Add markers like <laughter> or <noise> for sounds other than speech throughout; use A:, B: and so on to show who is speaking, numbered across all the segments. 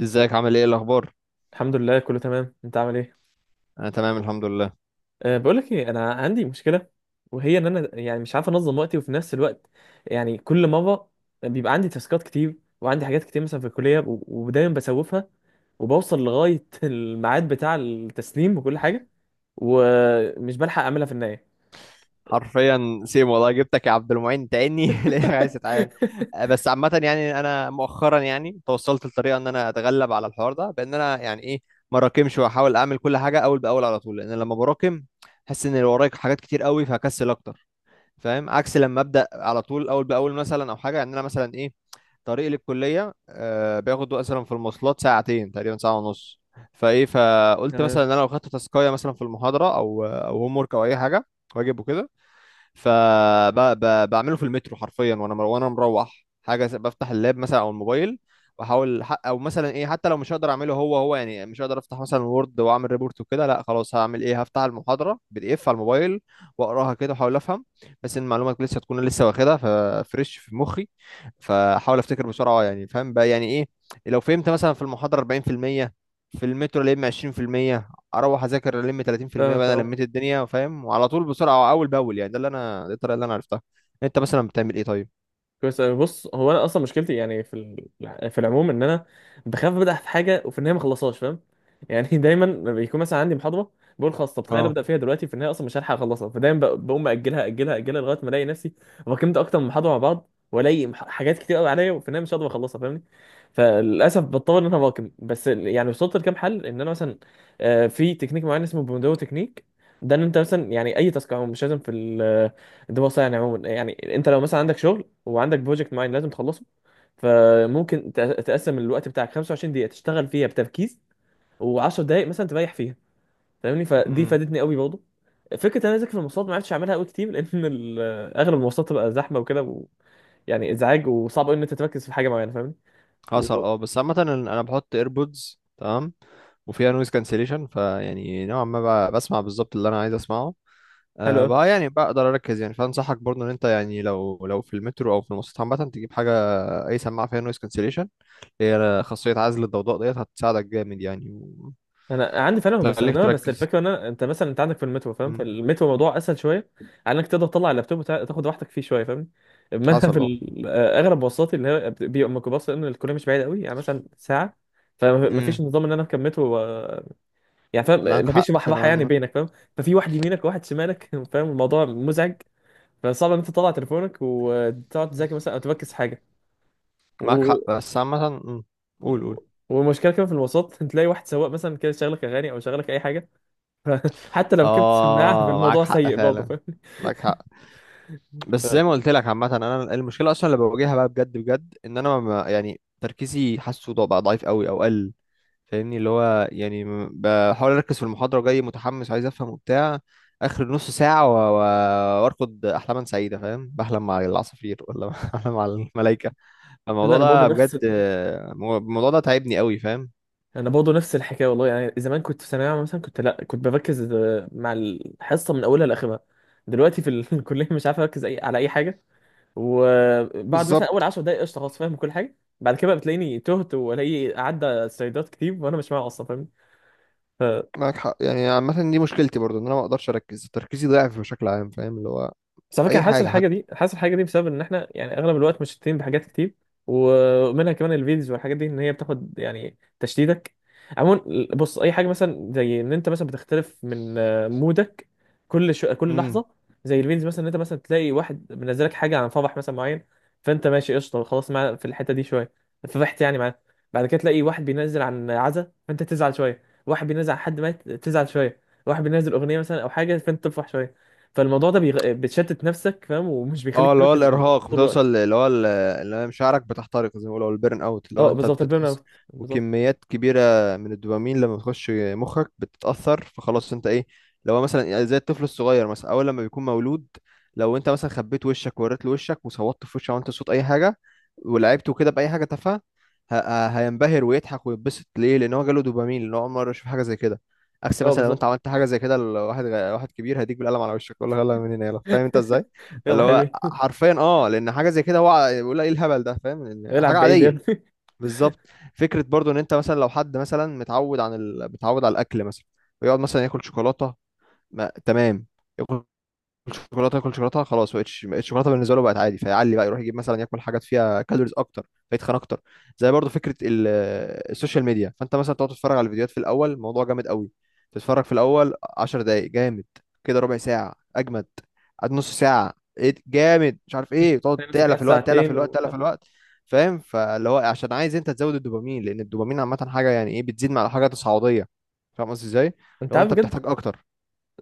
A: ازيك؟ عامل ايه؟ إيه الاخبار؟
B: الحمد لله، كله تمام. انت عامل ايه؟
A: انا تمام الحمد لله.
B: بقول لك ايه، انا عندي مشكله، وهي ان انا يعني مش عارف انظم وقتي، وفي نفس الوقت يعني كل مره بيبقى عندي تاسكات كتير وعندي حاجات كتير مثلا في الكليه ودايما بسوفها، وبوصل لغايه <laughs> الميعاد بتاع التسليم وكل حاجه، ومش بلحق اعملها في النهايه.
A: حرفيا سيم والله، جبتك يا عبد المعين تاني <laughs> ليه؟ عايز اتعاد.
B: <laughs>
A: بس عامه يعني انا مؤخرا يعني توصلت لطريقه ان انا اتغلب على الحوار ده بان انا يعني ايه، ما راكمش واحاول اعمل كل حاجه اول باول على طول، لان لما براكم احس ان اللي ورايا حاجات كتير قوي فهكسل اكتر، فاهم؟ عكس لما ابدا على طول اول باول مثلا او حاجه، يعني انا مثلا ايه، طريقي للكليه بياخد مثلا في المواصلات ساعتين تقريبا، ساعه ونص. فايه، فقلت مثلا
B: تمام،
A: ان انا لو خدت تاسكايه مثلا في المحاضره او او هوم ورك او اي حاجه، واجب وكده، فبعمله في المترو حرفيا، وانا مروح بفتح اللاب مثلا او الموبايل، او مثلا ايه، حتى لو مش هقدر اعمله، هو يعني مش هقدر افتح مثلا وورد واعمل ريبورت وكده، لا خلاص، هعمل ايه، هفتح المحاضره بي دي اف على الموبايل واقراها كده واحاول افهم، بس ان المعلومات لسه تكون لسه واخدها ففريش في مخي، فاحاول افتكر بسرعه، يعني فاهم بقى يعني ايه، لو فهمت مثلا في المحاضره 40% في المية، في المترو لم 20%، اروح اذاكر الم 30%، بقى انا
B: فاهمك.
A: لميت الدنيا فاهم، وعلى طول بسرعه اول باول، يعني ده اللي انا، دي الطريقه اللي انا عرفتها. انت مثلا بتعمل ايه طيب؟
B: كويس أوي. بص، هو انا اصلا مشكلتي يعني في في العموم ان انا بخاف ابدا في حاجه وفي النهايه ما اخلصهاش، فاهم؟ يعني <laughs> دايما لما بيكون مثلا عندي محاضره، بقول خلاص، طب تخيل
A: اه.
B: ابدا فيها دلوقتي في النهايه اصلا مش هلحق اخلصها، فدايما بقوم اجلها اجلها اجلها لغايه ما الاقي نفسي واكلمت اكتر من محاضره مع بعض، والاقي حاجات كتير قوي عليا وفي النهايه مش هقدر اخلصها، فاهمني؟ فللاسف بضطر ان انا واكم، بس يعني وصلت لكام حل ان انا مثلا في تكنيك معين اسمه بومودورو تكنيك، ده ان انت مثلا يعني اي تاسك عموما مش لازم في الدراسه، يعني عموما يعني انت لو مثلا عندك شغل وعندك بروجكت معين لازم تخلصه، فممكن تقسم الوقت بتاعك 25 دقيقة تشتغل فيها بتركيز، و10 دقايق مثلا تريح فيها، فاهمني؟ فدي
A: امم.
B: فادتني قوي برضه. فكرة انا اذاكر في المواصلات، ما عرفتش اعملها قوي كتير لان <laughs> اغلب المواصلات تبقى زحمة وكده يعني ازعاج، وصعب قوي ان انت تركز في حاجة معينة، فاهمني؟
A: حصل
B: و...
A: اه. بس عامه انا بحط ايربودز تمام، وفيها نويز كانسليشن فيعني نوعا ما بسمع بالظبط اللي انا عايز اسمعه. أه
B: حلو.
A: بقى يعني بقدر اركز يعني، فانصحك برضه ان انت يعني لو في المترو او في المواصلات عامه تجيب حاجه، اي سماعه فيها نويز كانسليشن، هي خاصيه عزل الضوضاء ديت هتساعدك جامد يعني،
B: انا عندي فعلا، ما
A: وتخليك
B: بستخدمها، بس
A: تركز.
B: الفكره ان انا انت مثلا انت عندك في المترو، فاهم؟ في
A: مم.
B: المترو الموضوع اسهل شويه، على انك تقدر تطلع اللابتوب تاخد راحتك فيه شويه، فاهمني؟ اما انا في
A: حصل
B: اغلب مواصلاتي اللي هي بيبقى ميكروباص لان الكليه مش بعيده قوي، يعني مثلا ساعه، فما فيش
A: اه.
B: نظام ان انا اركب مترو يعني، فاهم؟
A: معاك
B: ما فيش
A: حق في
B: راحه يعني
A: العلم.
B: بينك، فاهم؟ ففي واحد يمينك وواحد شمالك، <laughs> فاهم؟ الموضوع مزعج، فصعب ان انت تطلع تليفونك وتقعد تذاكر مثلا او تركز في حاجه
A: معاك
B: و...
A: حق بس عامة. مم. قول قول.
B: والمشكله كمان في المواصلات <laughs> تلاقي واحد سواق مثلا كده شغلك اغاني او شغلك اي حاجه، <laughs> حتى لو ركبت سماعه
A: اه معاك
B: فالموضوع
A: حق
B: سيء برضه،
A: فعلا.
B: فاهم؟
A: معاك حق. بس زي ما قلت لك عامة، انا المشكلة اصلا اللي بواجهها بقى بجد بجد ان انا ما يعني تركيزي حاسه بقى ضعيف قوي او قل، فاهمني؟ اللي هو يعني بحاول اركز في المحاضرة جاي متحمس عايز افهم وبتاع، اخر نص ساعة و... و... وارقد احلاما سعيدة، فاهم؟ بحلم مع العصافير ولا <laughs> بحلم مع الملائكة.
B: ده
A: الموضوع
B: انا برضه
A: ده بجد،
B: نفس
A: الموضوع ده تعبني قوي فاهم.
B: انا برضه نفس الحكايه والله، يعني زمان كنت في ثانويه عامه مثلا كنت، لا، كنت بركز مع الحصه من اولها لاخرها، دلوقتي في <laughs> الكليه مش عارف اركز اي على اي حاجه، وبعد مثلا اول
A: بالظبط.
B: 10 دقائق قشطه، خلاص فاهم كل حاجه، بعد كده بقى بتلاقيني تهت والاقي عدى سلايدات كتير وانا مش معايا اصلا، فاهم؟
A: معاك حق، يعني عامة دي مشكلتي برضو ان انا ما اقدرش اركز، تركيزي ضعف بشكل عام، فاهم؟ اللي هو
B: بس على فكره
A: اي
B: أنا حاسس
A: حاجة.
B: الحاجه دي حاسس الحاجه دي بسبب ان احنا يعني اغلب الوقت مشتتين بحاجات كتير، ومنها كمان الفيديوز والحاجات دي، ان هي بتاخد يعني تشتيتك عموما. بص، اي حاجه مثلا زي ان انت مثلا بتختلف من مودك كل شو كل
A: حتى.
B: لحظه، زي الفيديوز مثلا، ان انت مثلا تلاقي واحد منزلك حاجه عن فرح مثلا معين، فانت ماشي قشطه خلاص معاه في الحته دي شويه، فرحت يعني معاه، بعد كده تلاقي واحد بينزل عن عزا فانت تزعل شويه، واحد بينزل عن حد مات تزعل شويه، واحد بينزل اغنيه مثلا او حاجه فانت تفرح شويه، فالموضوع ده بتشتت نفسك، فاهم؟ ومش
A: اه
B: بيخليك
A: اللي هو
B: تركز
A: الارهاق،
B: طول الوقت.
A: بتوصل اللي هو اللي هو مشاعرك بتحترق زي ما بيقولوا البيرن اوت، اللي هو
B: اه
A: انت
B: بالظبط، البيرن
A: بتتأثر
B: اوت بالظبط.
A: وكميات كبيره من الدوبامين، لما بتخش مخك بتتأثر، فخلاص انت ايه، لو هو مثلا يعني زي الطفل الصغير مثلا اول لما بيكون مولود، لو انت مثلا خبيت وشك ووريت له وشك وصوتت في وشه، وانت صوت اي حاجه ولعبته كده باي حاجه تافهه، هينبهر ويضحك ويتبسط ليه، لان هو جاله دوبامين، لان هو اول مره يشوف حاجه زي كده. عكس
B: اه
A: مثلا لو انت
B: بالظبط.
A: عملت حاجه زي كده واحد كبير، هيديك بالقلم على وشك، يقول لك يلا من هنا يلا، فاهم انت
B: <laughs>
A: ازاي؟
B: يلا
A: اللي
B: يا
A: هو
B: حبيبي.
A: حرفيا اه، لان حاجه زي كده هو بيقول ايه الهبل ده، فاهم؟ إن
B: العب
A: حاجه
B: بعيد يا
A: عاديه.
B: ابني.
A: بالظبط. فكره برضو ان انت مثلا لو حد مثلا متعود على الاكل مثلا، ويقعد مثلا ياكل شوكولاته ما... تمام، ياكل شوكولاته، ياكل شوكولاته، خلاص بقت الشوكولاته بالنسبه له بقت عادي، فيعلي بقى يروح يجيب مثلا ياكل حاجات فيها كالوريز اكتر فيتخن اكتر. زي برضو فكره السوشيال ميديا، فانت مثلا تقعد تتفرج على الفيديوهات، في الاول الموضوع جامد قوي، تتفرج في الاول 10 دقائق جامد، كده ربع ساعه اجمد، قعد نص ساعه، ايه ده؟ جامد مش عارف
B: <laughs>
A: ايه، تقعد
B: تلاقي نفسك
A: تعلى
B: قاعد
A: في الوقت تعلى في
B: ساعتين
A: الوقت
B: ومش
A: تعلى في
B: عارف إيه.
A: الوقت. فاهم؟ فاللي هو عشان عايز انت تزود الدوبامين، لان الدوبامين عامه حاجه يعني ايه بتزيد مع الحاجه تصاعديه، فاهم قصدي ازاي؟
B: انت
A: لو
B: عارف
A: انت
B: بجد
A: بتحتاج اكتر.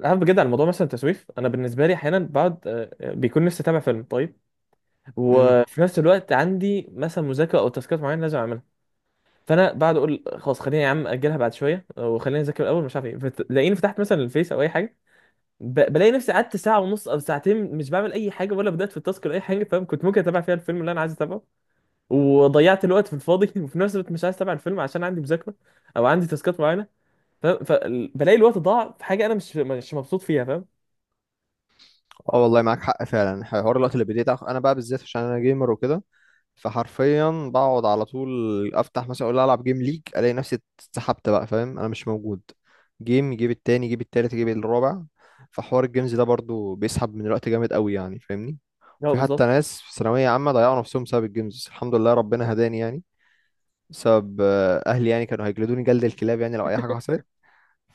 B: عارف بجد على الموضوع مثلا التسويف. انا بالنسبه لي احيانا بقعد، بيكون نفسي اتابع فيلم طيب، وفي نفس الوقت عندي مثلا مذاكره او تاسكات معينه لازم اعملها، فانا بقعد اقول خلاص خليني يا عم اجلها بعد شويه وخليني اذاكر الاول، مش عارف ايه، تلاقيني فتحت مثلا الفيس او اي حاجه، بلاقي نفسي قعدت ساعة ونص أو ساعتين مش بعمل أي حاجة ولا بدأت في التاسك ولا أي حاجة، فاهم؟ كنت ممكن أتابع فيها الفيلم اللي أنا عايز أتابعه، وضيعت الوقت في الفاضي. <laughs> وفي نفس الوقت مش عايز أتابع الفيلم عشان عندي مذاكرة أو عندي تاسكات معينة، فاهم؟ فبلاقي الوقت ضاع في حاجة أنا مش مبسوط فيها، فاهم؟
A: اه والله معاك حق فعلا، حوار الوقت اللي بديت انا بقى بالذات عشان انا جيمر وكده، فحرفيا بقعد على طول، افتح مثلا اقول العب جيم ليج، الاقي نفسي اتسحبت بقى فاهم، انا مش موجود، جيم يجيب التاني يجيب التالت يجيب الرابع، فحوار الجيمز ده برضو بيسحب من الوقت جامد قوي يعني، فاهمني؟
B: هو
A: وفي حتى
B: بالظبط.
A: ناس في ثانوية عامة ضيعوا نفسهم بسبب الجيمز، بس الحمد لله ربنا هداني يعني، بسبب اهلي، يعني كانوا هيجلدوني جلد الكلاب يعني لو اي حاجة حصلت،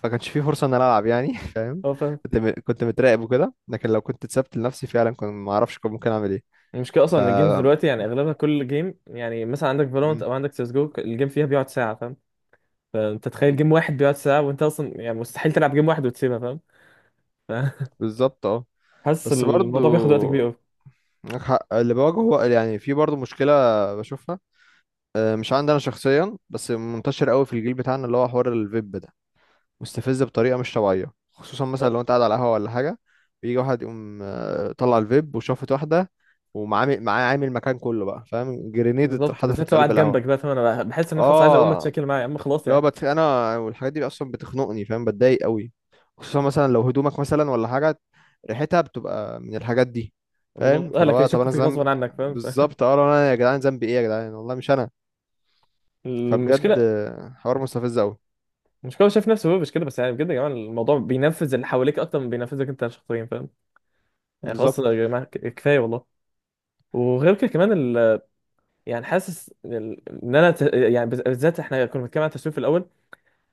A: فكانش في فرصه ان انا العب يعني <laughs> فاهم.
B: <laughs> هو فاهم.
A: كنت متراقب وكده، لكن لو كنت اتسبت لنفسي فعلا كنت ما اعرفش كنت ممكن اعمل ايه.
B: المشكلة أصلا
A: ف.
B: إن الجيمز دلوقتي يعني أغلبها، كل جيم يعني مثلا عندك فالورانت
A: م-
B: أو عندك سيس جو، الجيم فيها بيقعد ساعة، فاهم؟ فأنت تخيل
A: م-
B: جيم واحد بيقعد ساعة وأنت أصلا يعني مستحيل تلعب جيم واحد وتسيبها، فاهم؟ <laughs>
A: بالظبط اه.
B: فحاسس
A: بس
B: الموضوع بياخد وقت كبير
A: برضو
B: أوي.
A: معاك حق. اللي بواجهه يعني في برضو مشكله بشوفها، مش عندي انا شخصيا بس منتشر قوي في الجيل بتاعنا، اللي هو حوار الفيب ده مستفز بطريقه مش طبيعيه، خصوصا مثلا لو انت قاعد على قهوه ولا حاجه، بيجي واحد يقوم طلع الفيب وشافت واحده، ومعاه عامل مكان كله بقى فاهم، جرينيد
B: بالظبط،
A: اتحدفت
B: بالذات
A: في
B: لو
A: قلب
B: قاعد جنبك
A: القهوه.
B: بقى، فاهم؟ انا بحس ان انا خلاص عايز اقوم
A: اه
B: اتشكل معاه، يا عم خلاص يعني.
A: انا والحاجات دي اصلا بتخنقني فاهم، بتضايق قوي، خصوصا مثلا لو هدومك مثلا ولا حاجه، ريحتها بتبقى من الحاجات دي. فاهم؟
B: بالظبط، اهلك
A: طب انا
B: هيشكوا فيك
A: ذنب؟
B: غصبا عنك، فاهم؟
A: بالظبط اه، لو انا يا جدعان ذنبي ايه يا جدعان، والله مش انا. فبجد،
B: المشكله
A: حوار مستفز قوي.
B: المشكله هو شايف نفسه هو مش كده بس، يعني بجد يا جماعه الموضوع بينفذ اللي حواليك اكتر من بينفذك انت شخصيا، فاهم؟ يعني خلاص
A: بالظبط.
B: يا جماعه كفايه والله. وغير كده كمان يعني حاسس، ان انا، يعني بالذات احنا كنا بنتكلم عن التسويق في الاول،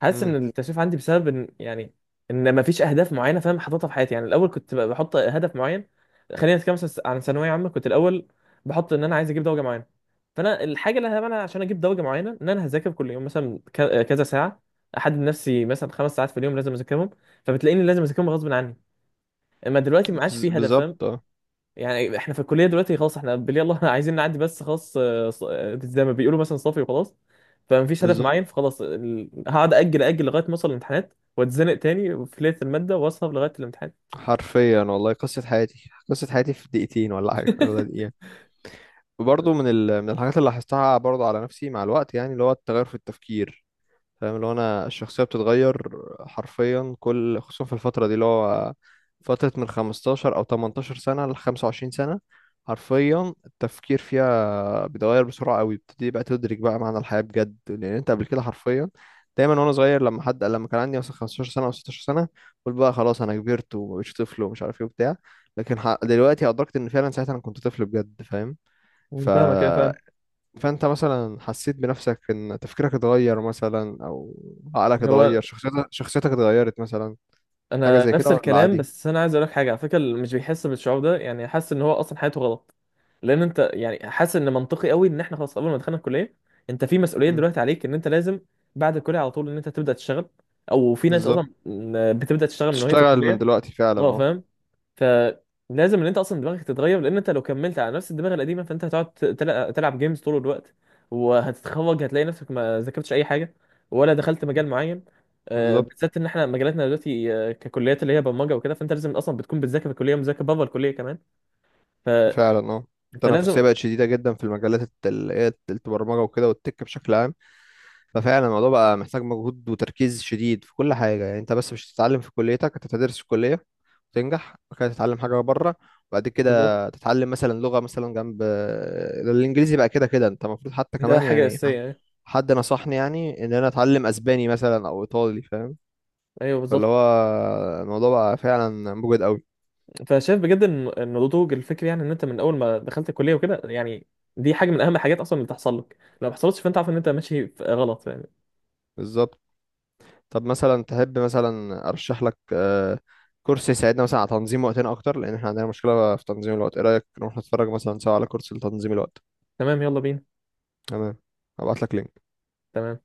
B: حاسس
A: امم.
B: ان التسويف عندي بسبب ان يعني ان ما فيش اهداف معينه، فاهم؟ حاططها في حياتي، يعني الاول كنت بحط هدف معين، خلينا نتكلم مثلا عن ثانويه عامه، كنت الاول بحط ان انا عايز اجيب درجه معينه، فانا الحاجه اللي هعملها عشان اجيب درجه معينه ان انا هذاكر كل يوم مثلا كذا ساعه، احدد نفسي مثلا 5 ساعات في اليوم لازم اذاكرهم، فبتلاقيني لازم اذاكرهم غصب عني. اما دلوقتي ما عادش في هدف، فاهم؟
A: بالظبط اه.
B: يعني احنا في الكليه دلوقتي خلاص، احنا بالله الله <laughs> عايزين نعدي بس، خلاص زي ما بيقولوا مثلا، صافي وخلاص، فمفيش هدف
A: بالظبط
B: معين، فخلاص هقعد اجل اجل لغايه ما اوصل الامتحانات واتزنق تاني في ليله الماده واسهر لغايه الامتحان.
A: حرفيا والله، قصه حياتي، قصه حياتي في دقيقتين ولا حاجه ولا دقيقه. وبرضه من من الحاجات اللي لاحظتها برضه على نفسي مع الوقت، يعني اللي هو التغير في التفكير، فاهم؟ اللي هو انا الشخصيه بتتغير حرفيا كل، خصوصا في الفتره دي اللي هو فتره من 15 او 18 سنه ل 25 سنه، حرفيا التفكير فيها بيتغير بسرعه قوي، بتبتدي بقى تدرك بقى معنى الحياه بجد، لان انت قبل كده حرفيا، دايما وانا صغير لما حد لما كان عندي مثلا 15 سنه او 16 سنه قلت بقى خلاص انا كبرت ومبقتش طفل ومش عارف ايه وبتاع، لكن دلوقتي ادركت ان فعلا ساعتها انا كنت طفل بجد فاهم. ف.
B: فاهمك كده، فاهم؟
A: فانت مثلا حسيت بنفسك ان تفكيرك اتغير مثلا، او عقلك اتغير،
B: هو
A: شخصيتك اتغيرت مثلا، حاجة
B: انا
A: زي كده
B: نفس
A: ولا
B: الكلام،
A: عادي؟
B: بس انا عايز اقول لك حاجه على فكره، اللي مش بيحس بالشعور ده يعني حاسس ان هو اصلا حياته غلط، لان انت يعني حاسس ان منطقي قوي ان احنا خلاص قبل ما دخلنا الكليه انت في مسؤوليه
A: امم.
B: دلوقتي عليك ان انت لازم بعد الكليه على طول ان انت تبدا تشتغل، او في ناس
A: بالظبط.
B: اصلا بتبدا تشتغل من وهي في
A: تشتغل من
B: الكليه.
A: دلوقتي فعلا
B: اه
A: اه.
B: فاهم. فلازم ان انت اصلا دماغك تتغير، لان انت لو كملت على نفس الدماغ القديمه فانت هتقعد تلعب جيمز طول الوقت، وهتتخرج هتلاقي نفسك ما ذاكرتش اي حاجه ولا دخلت مجال معين،
A: بالظبط
B: بالذات ان احنا مجالاتنا دلوقتي ككليات اللي هي برمجه وكده، فانت لازم اصلا بتكون بتذاكر في الكليه ومذاكر بره الكليه كمان. ف...
A: فعلا اه. التنافسية
B: فلازم.
A: بقت شديدة جدا في المجالات، اللي هي البرمجة وكده والتك بشكل عام. ففعلا الموضوع بقى محتاج مجهود وتركيز شديد في كل حاجة، يعني انت بس مش هتتعلم في كليتك، انت هتدرس في كلية تنجح، بعد كده تتعلم حاجة بره، وبعد
B: بالظبط،
A: كده تتعلم مثلا لغة مثلا جنب الإنجليزي، بقى كده كده أنت المفروض حتى
B: ده
A: كمان
B: حاجه
A: يعني
B: اساسيه يعني.
A: حد نصحني يعني إن أنا أتعلم أسباني مثلا أو إيطالي فاهم،
B: ايوه
A: فاللي هو
B: بالظبط.
A: الموضوع بقى فعلا موجود قوي.
B: فشايف بجد إن النضوج الفكري يعني ان انت من اول ما دخلت الكليه وكده، يعني دي حاجه من اهم الحاجات اصلا اللي تحصل لك، لو ما حصلتش فانت عارف ان انت ماشي غلط يعني.
A: بالظبط. طب مثلا تحب مثلا أرشح لك كورس يساعدنا مثلا على تنظيم وقتنا أكتر، لأن إحنا عندنا مشكلة في تنظيم الوقت، إيه رأيك نروح نتفرج مثلا سوا على كورس لتنظيم الوقت؟
B: تمام، يلا بينا.
A: تمام. هبعت لك لينك.
B: تمام.